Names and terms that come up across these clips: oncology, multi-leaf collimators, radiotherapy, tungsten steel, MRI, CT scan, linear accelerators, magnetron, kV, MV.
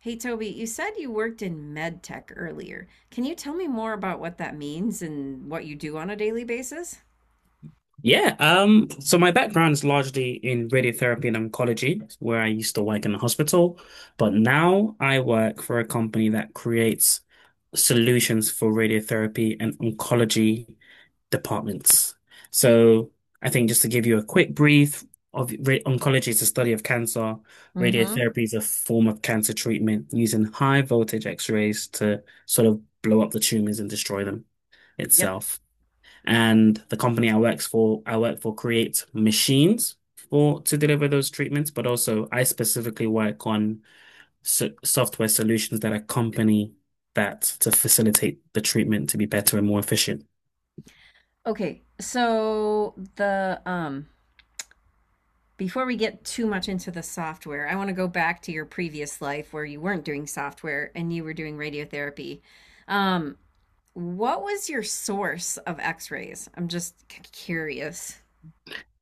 Hey Toby, you said you worked in med tech earlier. Can you tell me more about what that means and what you do on a daily basis? Yeah, so my background is largely in radiotherapy and oncology, where I used to work in a hospital, but now I work for a company that creates solutions for radiotherapy and oncology departments. So I think just to give you a quick brief of oncology is the study of cancer. Mm-hmm. Radiotherapy is a form of cancer treatment using high voltage X-rays to sort of blow up the tumors and destroy them Yep. itself. And the company I work for creates machines for to deliver those treatments, but also I specifically work on software solutions that accompany that to facilitate the treatment to be better and more efficient. Okay, so the Before we get too much into the software, I want to go back to your previous life where you weren't doing software and you were doing radiotherapy. Um, what was your source of X-rays? I'm curious.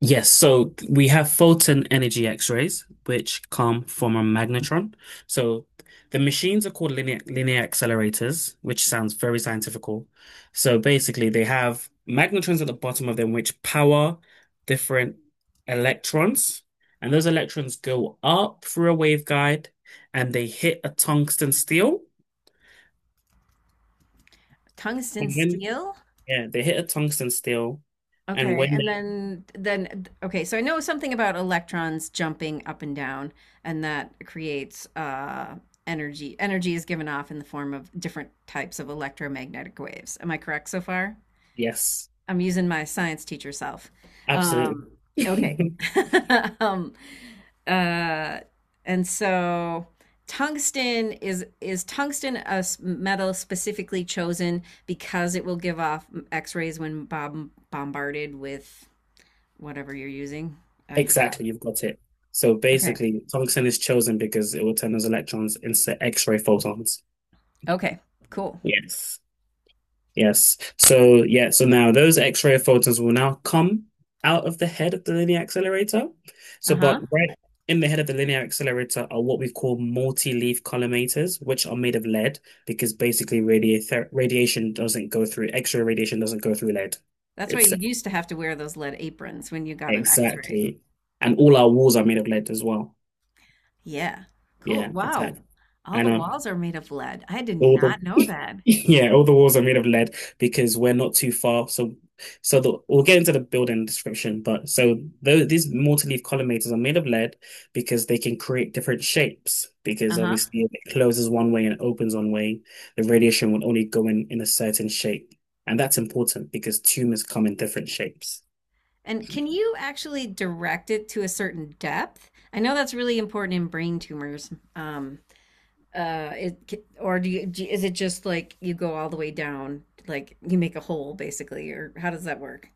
Yes, so we have photon energy X-rays, which come from a magnetron. So the machines are called linear accelerators, which sounds very scientifical. So basically, they have magnetrons at the bottom of them, which power different electrons, and those electrons go up through a waveguide, and they hit a tungsten steel. Tungsten And when steel? yeah, they hit a tungsten steel, and Okay, when and they then okay, so I know something about electrons jumping up and down, and that creates energy. Energy is given off in the form of different types of electromagnetic waves. Am I correct so far? yes, I'm using my science teacher self. absolutely. Um, okay. Um, uh, and so tungsten is tungsten a s- metal specifically chosen because it will give off X-rays when bombarded with whatever you're using. I forgot. Exactly, you've got it. So Okay. basically, tungsten is chosen because it will turn those electrons into X-ray photons. Okay. Cool. Yes. Yes. So yeah, so now those X-ray photons will now come out of the head of the linear accelerator. So Uh but huh. right in the head of the linear accelerator are what we call multi-leaf collimators, which are made of lead because basically radiator radiation doesn't go through X-ray radiation doesn't go through lead. That's why It's you used to have to wear those lead aprons when you got an x-ray. exactly. And all our walls are made of lead as well. Yeah. Cool. Yeah, Wow. exactly. All I the know. walls are made of lead. I did All not know the that. yeah, all the walls are made of lead because we're not too far. So, we'll get into the building description. But so these multi-leaf collimators are made of lead because they can create different shapes. Because Uh-huh. obviously, if it closes one way and opens one way, the radiation will only go in a certain shape. And that's important because tumors come in different shapes. And can you actually direct it to a certain depth? I know that's really important in brain tumors. It or do you, do is it just like you go all the way down, like you make a hole basically, or how does that work?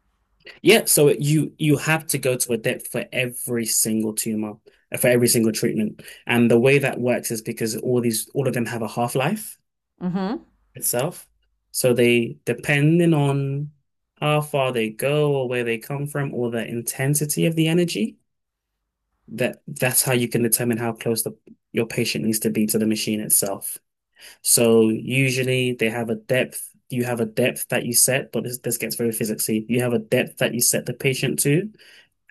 Yeah, so you have to go to a depth for every single tumor, for every single treatment. And the way that works is because all of them have a half-life Mm-hmm. itself. So they, depending on how far they go or where they come from or the intensity of the energy, that's how you can determine how close the your patient needs to be to the machine itself. So usually they have a depth, you have a depth that you set, but this gets very physicsy. You have a depth that you set the patient to,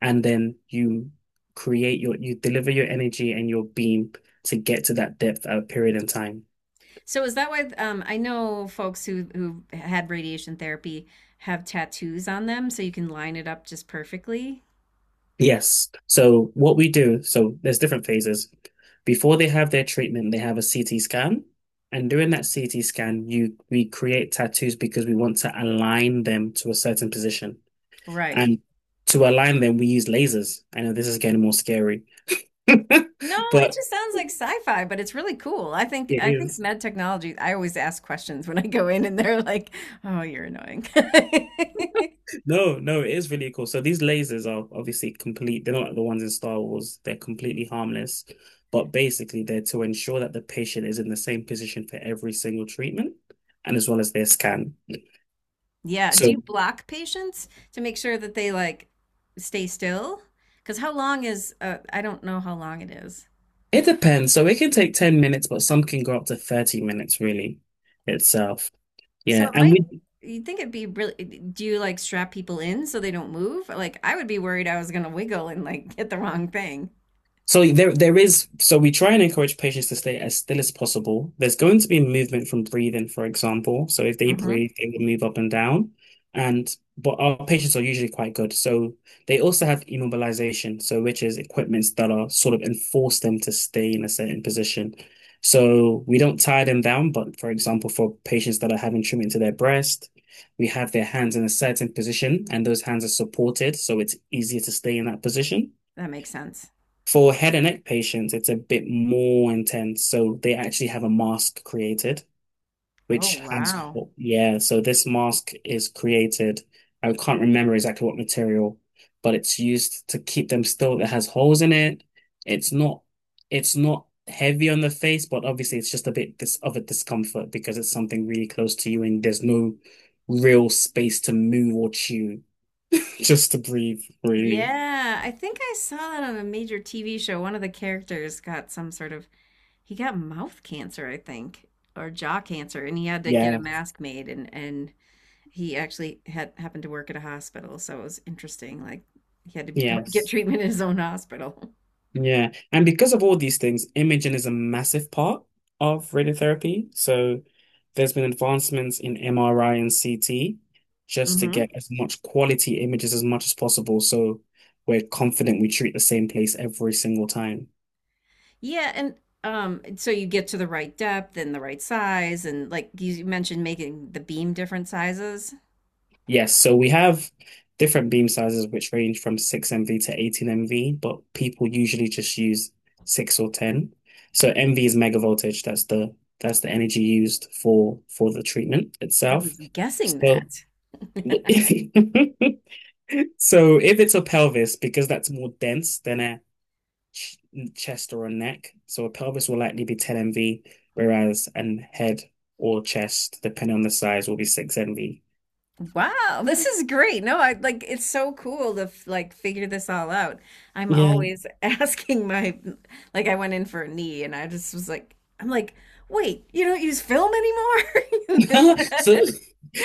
and then you create your you deliver your energy and your beam to get to that depth at a period in time. So is that why I know folks who had radiation therapy have tattoos on them so you can line it up just perfectly? Yes. So what we do, so there's different phases. Before they have their treatment, they have a CT scan. And during that CT scan, you we create tattoos because we want to align them to a certain position. Right. And to align them, we use lasers. I know this is getting more scary, No, it but just sounds like sci-fi, but it's really cool. I think it I think is. med technology, I always ask questions when I go in and they're like, "Oh, you're annoying." No, no, it is really cool. So these lasers are obviously complete. They're not like the ones in Star Wars. They're completely harmless, but basically they're to ensure that the patient is in the same position for every single treatment and as well as their scan. Yeah, do So you block patients to make sure that they like stay still? Because how long is I don't know how long it is. it depends. So it can take 10 minutes, but some can go up to 30 minutes really itself. So Yeah. it And might, we You'd think it'd be really, do you like strap people in so they don't move? Like I would be worried I was gonna wiggle and like hit the wrong thing. So there is so we try and encourage patients to stay as still as possible. There's going to be movement from breathing, for example. So if they Mm-hmm. breathe, they will move up and down. And but our patients are usually quite good. So they also have immobilization, so which is equipments that are sort of enforce them to stay in a certain position. So we don't tie them down, but for example, for patients that are having treatment to their breast, we have their hands in a certain position and those hands are supported, so it's easier to stay in that position. That makes sense. For head and neck patients, it's a bit more intense. So they actually have a mask created, Oh, which has, wow. yeah. So this mask is created. I can't remember exactly what material, but it's used to keep them still. It has holes in it. It's not, it's not heavy on the face, but obviously it's just a bit dis of a discomfort because it's something really close to you and there's no real space to move or chew, just to breathe, really. Yeah, I think I saw that on a major TV show. One of the characters got some sort of, He got mouth cancer, I think, or jaw cancer, and he had to get a Yeah. mask made and he actually had happened to work at a hospital, so it was interesting. Like he had to go get Yes. treatment in his own hospital. Yeah. And because of all these things, imaging is a massive part of radiotherapy. So there's been advancements in MRI and CT just to Hmm. get as much quality images as much as possible. So we're confident we treat the same place every single time. Yeah, and so you get to the right depth and the right size, and like you mentioned, making the beam different sizes. Yes, so we have different beam sizes which range from 6 MV to 18 MV, but people usually just use 6 or 10. So MV is mega voltage, that's the energy used for the treatment I itself. was guessing So that. so if it's a pelvis, because that's more dense than a ch chest or a neck, so a pelvis will likely be 10 MV, whereas an head or chest, depending on the size, will be 6 MV. Wow, this is great. No, I like it's so cool to like figure this all out. I'm Yeah. always asking my like I went in for a knee and I just was like I'm like, "Wait, you don't use film anymore?" So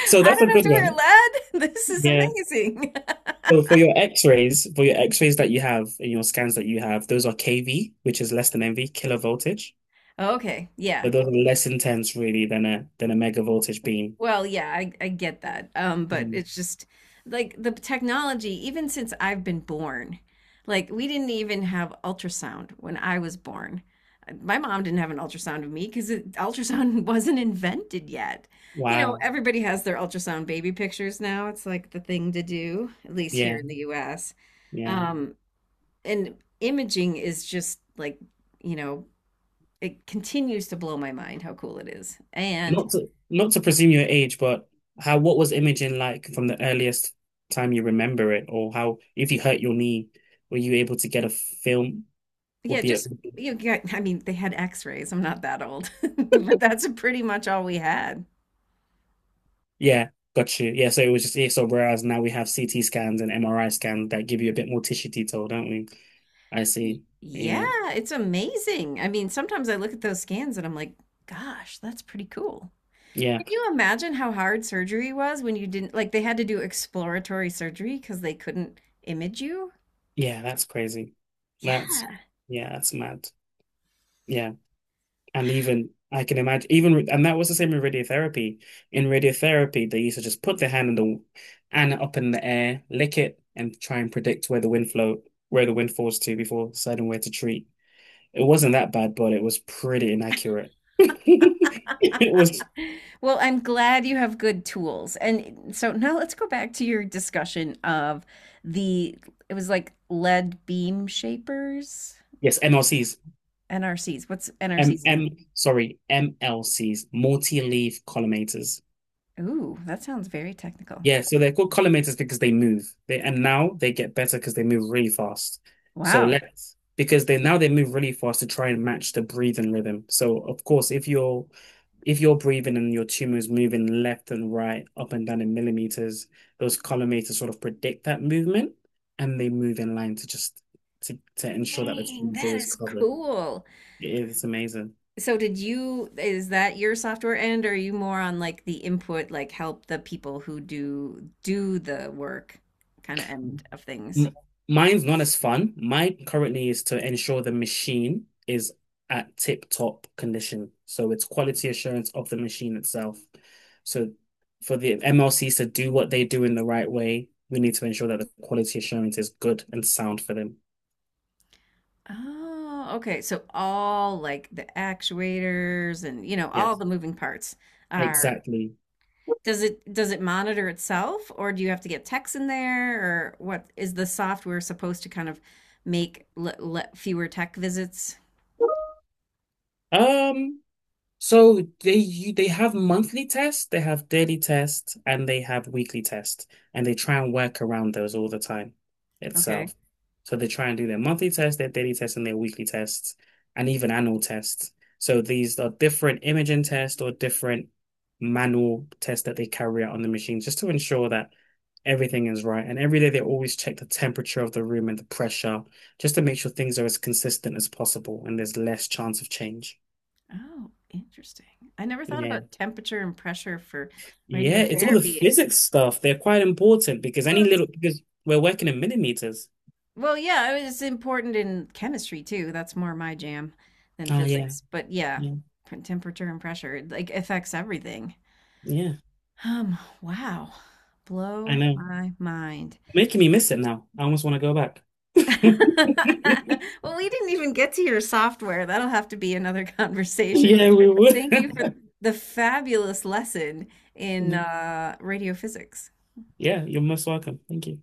So I that's a don't have good to wear one. lead. This is Yeah. amazing. So for your X-rays that you have and your scans that you have, those are kV, which is less than MV, kilo voltage. Okay, yeah. So those are less intense really than a mega voltage beam. Well, yeah, I get that. But Mm. it's just like the technology, even since I've been born, like we didn't even have ultrasound when I was born. My mom didn't have an ultrasound of me because ultrasound wasn't invented yet. You know, Wow. everybody has their ultrasound baby pictures now. It's like the thing to do, at least here Yeah, in the US. yeah. Um, and imaging is just like, you know, it continues to blow my mind how cool it is. And Not to presume your age, but how what was imaging like from the earliest time you remember it, or how if you hurt your knee, were you able to get a film? Would yeah, be a just you get, I mean, they had x-rays. I'm not that old, but that's pretty much all we had. Yeah, got you. Yeah, so it was just ESO, whereas now we have CT scans and MRI scans that give you a bit more tissue detail, don't we? I see. Yeah, Yeah, it's amazing. I mean, sometimes I look at those scans and I'm like, gosh, that's pretty cool. yeah, Can you imagine how hard surgery was when you didn't, like, they had to do exploratory surgery because they couldn't image you? yeah, that's crazy. That's, Yeah. yeah, that's mad. Yeah. And even, I can imagine, even, and that was the same with radiotherapy. In radiotherapy, they used to just put their hand in the, and up in the air, lick it, and try and predict where the wind flow, where the wind falls to before deciding where to treat. It wasn't that bad, but it was pretty inaccurate. It was Well, I'm glad you have good tools. And so now let's go back to your discussion of the, it was like lead beam shapers. Yes, MLCs. NRCs. What's NRC M stand? M sorry, MLCs, multi-leaf collimators. Ooh, that sounds very technical. Yeah, so they're called collimators because they move. They and now they get better because they move really fast. So Wow. let's because they move really fast to try and match the breathing rhythm. So of course, if you're breathing and your tumor is moving left and right, up and down in millimeters, those collimators sort of predict that movement and they move in line to just to ensure that the Dang, tumor is that always is covered. cool. It is amazing. So did you is that your software end or are you more on like the input, like help the people who do the work kind of end of things? M- Mine's not as fun. Mine currently is to ensure the machine is at tip-top condition. So it's quality assurance of the machine itself. So for the MLCs to do what they do in the right way, we need to ensure that the quality assurance is good and sound for them. Oh, okay. So all like the actuators and you know, all Yes, the moving parts are. exactly. Does it monitor itself, or do you have to get text in there, or what is the software supposed to kind of make fewer tech visits? Um, so they have monthly tests, they have daily tests, and they have weekly tests, and they try and work around those all the time Okay. itself. So they try and do their monthly tests, their daily tests, and their weekly tests, and even annual tests. So these are different imaging tests or different manual tests that they carry out on the machine just to ensure that everything is right. And every day they always check the temperature of the room and the pressure just to make sure things are as consistent as possible and there's less chance of change. Oh, interesting. I never thought Yeah. about temperature and pressure for Yeah, it's all the radiotherapy. physics stuff. They're quite important because Well, any it's, little because we're working in millimeters. well, yeah, I mean, it's important in chemistry too. That's more my jam than Oh yeah, physics. But yeah, yeah, p- temperature and pressure it, like affects everything. yeah. Wow. I Blow know. my mind. Making me miss it now. I almost want to go back. Well, we didn't even get to your software. That'll have to be another conversation. But Yeah, we would. thank you for the fabulous lesson in radio physics. Yeah, you're most welcome. Thank you.